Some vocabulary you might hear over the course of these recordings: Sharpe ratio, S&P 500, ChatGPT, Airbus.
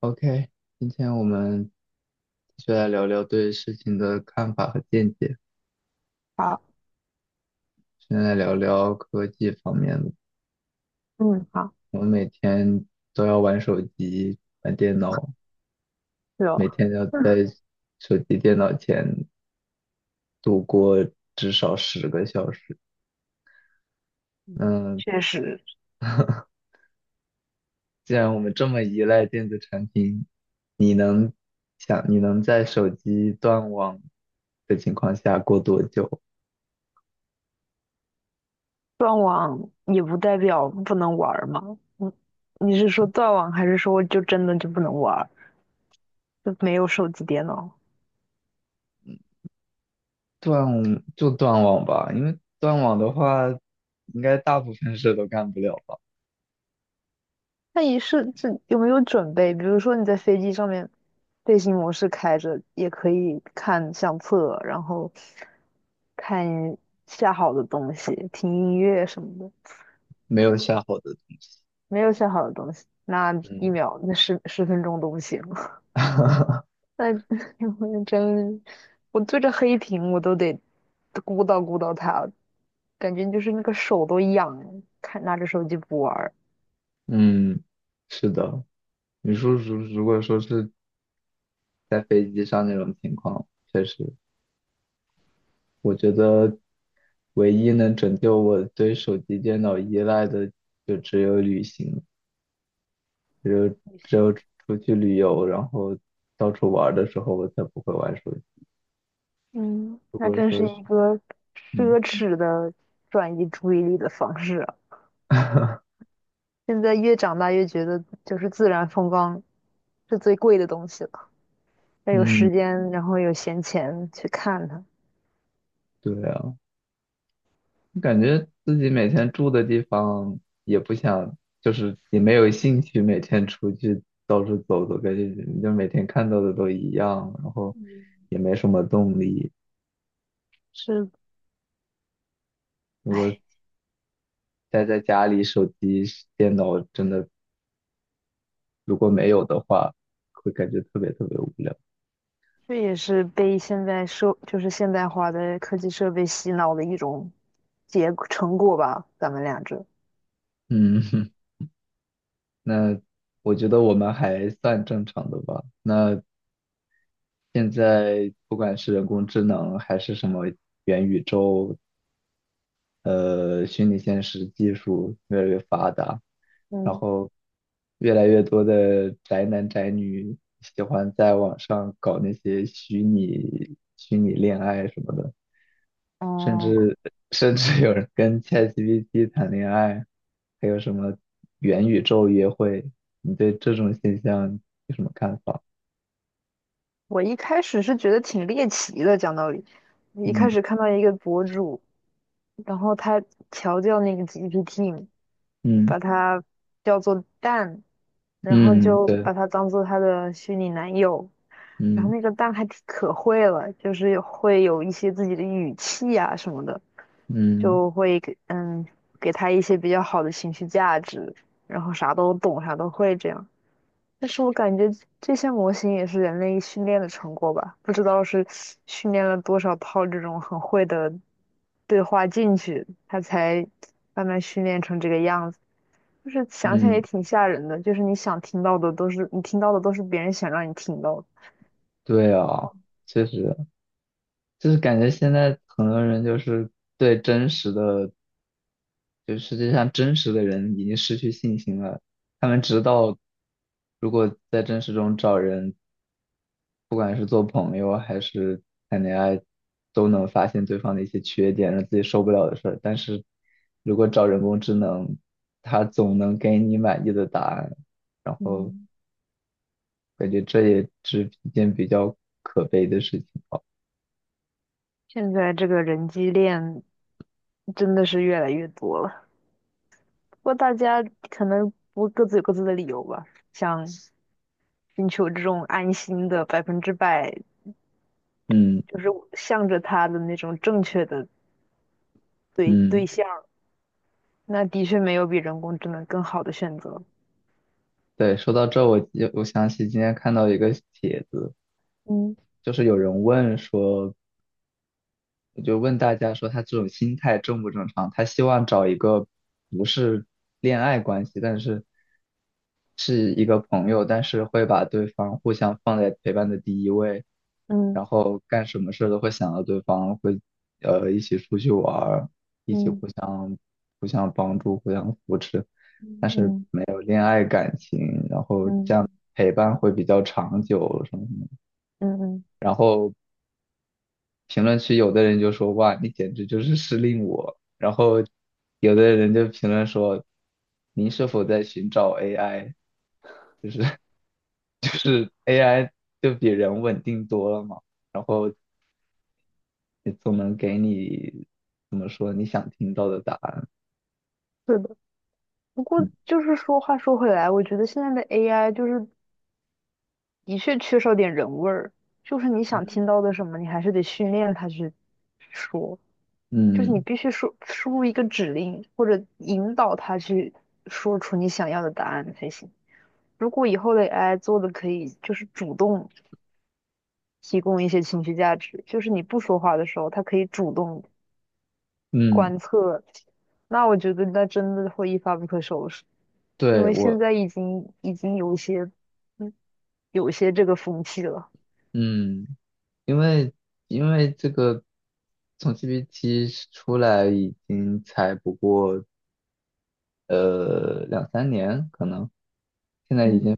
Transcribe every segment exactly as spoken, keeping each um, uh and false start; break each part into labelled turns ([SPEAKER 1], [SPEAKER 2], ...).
[SPEAKER 1] OK，今天我们继续来聊聊对事情的看法和见解。
[SPEAKER 2] 好。
[SPEAKER 1] 现在来聊聊科技方面的。
[SPEAKER 2] 嗯，好。
[SPEAKER 1] 我们每天都要玩手机、玩电脑，
[SPEAKER 2] 是
[SPEAKER 1] 每
[SPEAKER 2] 哦。
[SPEAKER 1] 天要在手机、电脑前度过至少十个小时。
[SPEAKER 2] 嗯，
[SPEAKER 1] 嗯，
[SPEAKER 2] 确实。
[SPEAKER 1] 既然我们这么依赖电子产品，想你能在手机断网的情况下过多久？
[SPEAKER 2] 断网也不代表不能玩儿嘛。你你是说断网，还是说就真的就不能玩儿，就没有手机、电脑？
[SPEAKER 1] 断，就断网吧，因为断网的话，应该大部分事都干不了吧。
[SPEAKER 2] 那你是这有没有准备？比如说你在飞机上面，飞行模式开着，也可以看相册，然后看下好的东西，听音乐什么的。
[SPEAKER 1] 没有下好的东西。
[SPEAKER 2] 没有下好的东西，那一
[SPEAKER 1] 嗯，
[SPEAKER 2] 秒那十十分钟都不行。那 我真，我对着黑屏我都得鼓捣鼓捣它，感觉就是那个手都痒，看拿着手机不玩儿。
[SPEAKER 1] 嗯，是的。你说如如果说是在飞机上那种情况，确实，我觉得唯一能拯救我对手机、电脑依赖的，就只有旅行，只有只有出去旅游，然后到处玩儿的时候，我才不会玩手机。
[SPEAKER 2] 嗯，
[SPEAKER 1] 如
[SPEAKER 2] 那
[SPEAKER 1] 果
[SPEAKER 2] 真是
[SPEAKER 1] 说是，
[SPEAKER 2] 一个
[SPEAKER 1] 嗯
[SPEAKER 2] 奢侈的转移注意力的方式啊。现在越长大越觉得，就是自然风光是最贵的东西了，要有
[SPEAKER 1] 嗯，
[SPEAKER 2] 时间，然后有闲钱去看它。
[SPEAKER 1] 对啊。感觉自己每天住的地方也不想，就是也没有兴趣每天出去到处走走，感觉你就每天看到的都一样，然后也没什么动力。
[SPEAKER 2] 是。
[SPEAKER 1] 如果
[SPEAKER 2] 哎，
[SPEAKER 1] 待在家里，手机、电脑真的如果没有的话，会感觉特别特别无聊。
[SPEAKER 2] 这也是被现在社，就是现代化的科技设备洗脑的一种。结成果吧，咱们俩这。
[SPEAKER 1] 嗯，那我觉得我们还算正常的吧。那现在不管是人工智能还是什么元宇宙，呃，虚拟现实技术越来越发达，然
[SPEAKER 2] 嗯
[SPEAKER 1] 后越来越多的宅男宅女喜欢在网上搞那些虚拟虚拟恋爱什么的，甚
[SPEAKER 2] 嗯，
[SPEAKER 1] 至甚至有人跟 ChatGPT 谈恋爱，还有什么元宇宙约会，你对这种现象有什么看法？
[SPEAKER 2] 我一开始是觉得挺猎奇的，讲道理，我一开
[SPEAKER 1] 嗯
[SPEAKER 2] 始看到一个博主，然后他调教那个 G P T，
[SPEAKER 1] 嗯
[SPEAKER 2] 把它叫做蛋，然后
[SPEAKER 1] 嗯，
[SPEAKER 2] 就
[SPEAKER 1] 对，
[SPEAKER 2] 把它当做他的虚拟男友。然后
[SPEAKER 1] 嗯
[SPEAKER 2] 那个蛋还挺可会了，就是有会有一些自己的语气啊什么的，
[SPEAKER 1] 嗯
[SPEAKER 2] 就会给嗯给他一些比较好的情绪价值，然后啥都懂，啥都会这样。但是我感觉这些模型也是人类训练的成果吧，不知道是训练了多少套这种很会的对话进去，它才慢慢训练成这个样子。就是想想
[SPEAKER 1] 嗯，
[SPEAKER 2] 也挺吓人的，就是你想听到的都是你听到的都是别人想让你听到的。
[SPEAKER 1] 对啊，确实。就是感觉现在很多人就是对真实的，就世界上真实的人已经失去信心了。他们知道，如果在真实中找人，不管是做朋友还是谈恋爱，都能发现对方的一些缺点，让自己受不了的事儿。但是如果找人工智能，它总能给你满意的答案，然后
[SPEAKER 2] 嗯。
[SPEAKER 1] 感觉这也是一件比较可悲的事情。
[SPEAKER 2] 现在这个人机恋真的是越来越多了，不过大家可能不各自有各自的理由吧，想寻求这种安心的百分之百，
[SPEAKER 1] 嗯
[SPEAKER 2] 就是向着他的那种正确的对
[SPEAKER 1] 嗯。
[SPEAKER 2] 对象，那的确没有比人工智能更好的选择。
[SPEAKER 1] 对，说到这，我就我想起今天看到一个帖子，
[SPEAKER 2] 嗯
[SPEAKER 1] 就是有人问说，就问大家说他这种心态正不正常？他希望找一个不是恋爱关系，但是是一个朋友，但是会把对方互相放在陪伴的第一位，
[SPEAKER 2] 嗯
[SPEAKER 1] 然后干什么事都会想到对方，会呃一起出去玩儿，一起
[SPEAKER 2] 嗯
[SPEAKER 1] 互相互相帮助、互相扶持，但
[SPEAKER 2] 嗯
[SPEAKER 1] 是
[SPEAKER 2] 嗯
[SPEAKER 1] 没有恋爱感情，然后这
[SPEAKER 2] 嗯
[SPEAKER 1] 样陪伴会比较长久什么什么。
[SPEAKER 2] 嗯嗯，
[SPEAKER 1] 然后评论区有的人就说哇，你简直就是失令我，然后有的人就评论说您是否在寻找 A I？就是 A I 就比人稳定多了嘛，然后也总能给你怎么说你想听到的答案。
[SPEAKER 2] 对的。不过
[SPEAKER 1] 嗯
[SPEAKER 2] 就是说话说回来，我觉得现在的 A I 就是的确缺少点人味儿，就是你想
[SPEAKER 1] 嗯，
[SPEAKER 2] 听到的什么，你还是得训练它去说，就是你
[SPEAKER 1] 嗯
[SPEAKER 2] 必须输输入一个指令或者引导它去说出你想要的答案才行。如果以后的 A I 做的可以就是主动提供一些情绪价值，就是你不说话的时候，他可以主动
[SPEAKER 1] 嗯，
[SPEAKER 2] 观测。那我觉得那真的会一发不可收拾，因
[SPEAKER 1] 对
[SPEAKER 2] 为现
[SPEAKER 1] 我
[SPEAKER 2] 在已经已经有一些，嗯，有一些这个风气了。
[SPEAKER 1] 嗯，因为因为这个从 G P T 出来已经才不过呃两三年，可能现在已
[SPEAKER 2] 嗯
[SPEAKER 1] 经。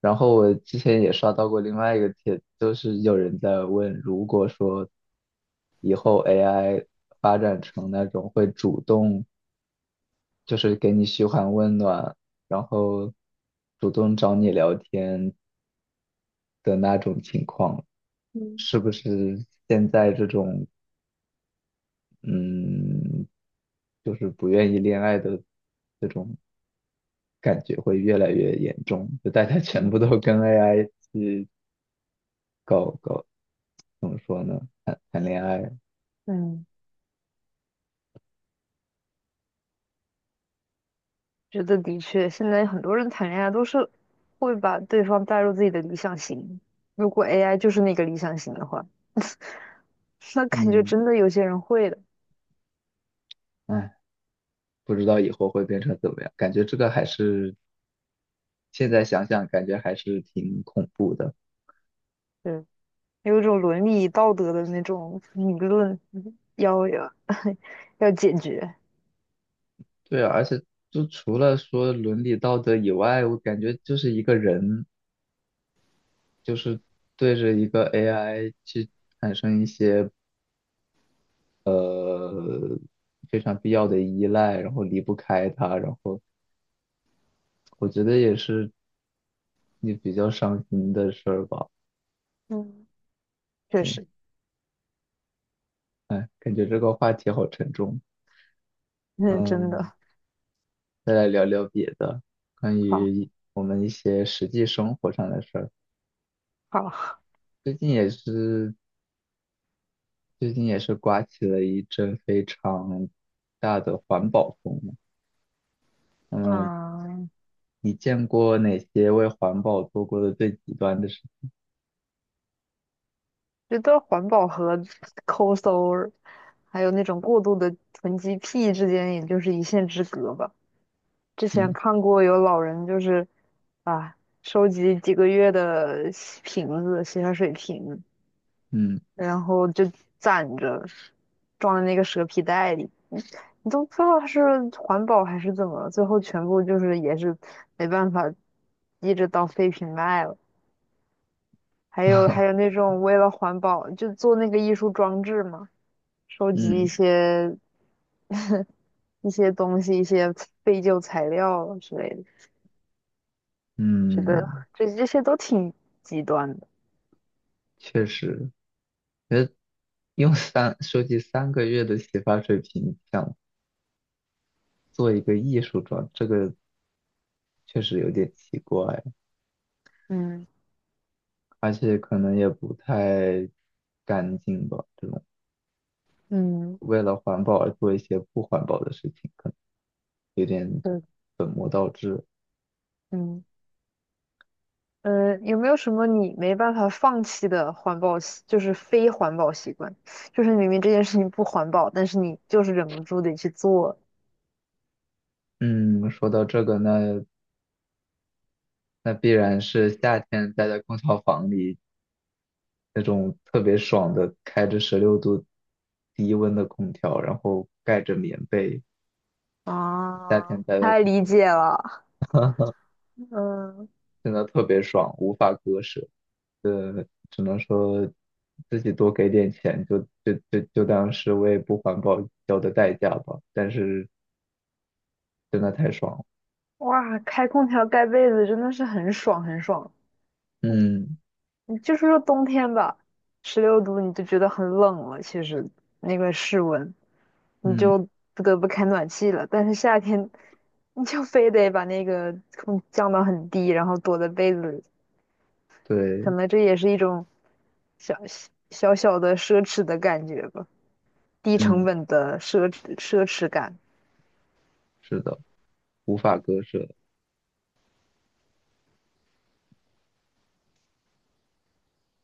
[SPEAKER 1] 然后我之前也刷到过另外一个帖子，就是有人在问，如果说以后 A I 发展成那种会主动，就是给你嘘寒问暖，然后主动找你聊天的那种情况，
[SPEAKER 2] 嗯
[SPEAKER 1] 是不是现在这种嗯，就是不愿意恋爱的这种感觉会越来越严重？就大家全部
[SPEAKER 2] 嗯
[SPEAKER 1] 都跟 A I 去怎么说呢？谈谈恋爱。
[SPEAKER 2] 嗯，觉得的确，现在很多人谈恋爱都是会把对方带入自己的理想型。如果 A I 就是那个理想型的话，那感觉
[SPEAKER 1] 嗯，
[SPEAKER 2] 真的有些人会的。
[SPEAKER 1] 哎，不知道以后会变成怎么样，感觉这个还是现在想想，感觉还是挺恐怖的。
[SPEAKER 2] 对。有一种伦理道德的那种理论要要 要解决。
[SPEAKER 1] 对啊，而且就除了说伦理道德以外，我感觉就是一个人，就是对着一个 A I 去产生一些呃非常必要的依赖，然后离不开它，然后我觉得也是你比较伤心的事儿吧。
[SPEAKER 2] 嗯，确
[SPEAKER 1] 嗯，
[SPEAKER 2] 实。
[SPEAKER 1] 哎，感觉这个话题好沉重。
[SPEAKER 2] 嗯，真的。
[SPEAKER 1] 嗯。再来聊聊别的，关于
[SPEAKER 2] 好，
[SPEAKER 1] 一我们一些实际生活上的事儿。
[SPEAKER 2] 好。
[SPEAKER 1] 最近也是，最近也是刮起了一阵非常大的环保风嘛。那么，
[SPEAKER 2] 嗯，
[SPEAKER 1] 你见过哪些为环保做过的最极端的事？
[SPEAKER 2] 觉得环保和抠搜儿，还有那种过度的囤积癖之间，也就是一线之隔吧。之前
[SPEAKER 1] 嗯
[SPEAKER 2] 看过有老人就是啊，收集几个月的洗瓶子、洗发水瓶，
[SPEAKER 1] 嗯
[SPEAKER 2] 然后就攒着，装在那个蛇皮袋里。你都不知道它是环保还是怎么了，最后全部就是也是没办法，一直当废品卖了。还有还有那 种为了环保就做那个艺术装置嘛，收集一
[SPEAKER 1] 嗯
[SPEAKER 2] 些一些东西、一些废旧材料啊之类的，觉得
[SPEAKER 1] 嗯，
[SPEAKER 2] 这这些都挺极端的。
[SPEAKER 1] 确实，用三收集三个月的洗发水瓶想做一个艺术装，这个确实有点奇怪。
[SPEAKER 2] 嗯
[SPEAKER 1] 而且可能也不太干净吧。这种
[SPEAKER 2] 嗯，
[SPEAKER 1] 为了环保而做一些不环保的事情，可能有点……
[SPEAKER 2] 对。嗯呃，有没有什么你没办法放弃的环保习，就是非环保习惯？就是明明这件事情不环保，但是你就是忍不住得去做。
[SPEAKER 1] 嗯，说到这个，那那必然是夏天待在空调房里那种特别爽的，开着十六度低温的空调，然后盖着棉被，夏天
[SPEAKER 2] 啊，
[SPEAKER 1] 待在
[SPEAKER 2] 太
[SPEAKER 1] 空
[SPEAKER 2] 理解
[SPEAKER 1] 调。
[SPEAKER 2] 了。嗯，
[SPEAKER 1] 真的特别爽，无法割舍。呃，只能说自己多给点钱，就就就就当是为不环保交的代价吧。但是真的太爽了，
[SPEAKER 2] 哇，开空调盖被子真的是很爽很爽。
[SPEAKER 1] 嗯
[SPEAKER 2] 你就是说冬天吧，十六度你就觉得很冷了，其实那个室温你
[SPEAKER 1] 嗯，
[SPEAKER 2] 就不得不开暖气了。但是夏天你就非得把那个空降到很低，然后躲在被子里，可
[SPEAKER 1] 对，
[SPEAKER 2] 能这也是一种小小小的奢侈的感觉吧，低成
[SPEAKER 1] 嗯，
[SPEAKER 2] 本的奢侈奢侈感。
[SPEAKER 1] 是的，无法割舍。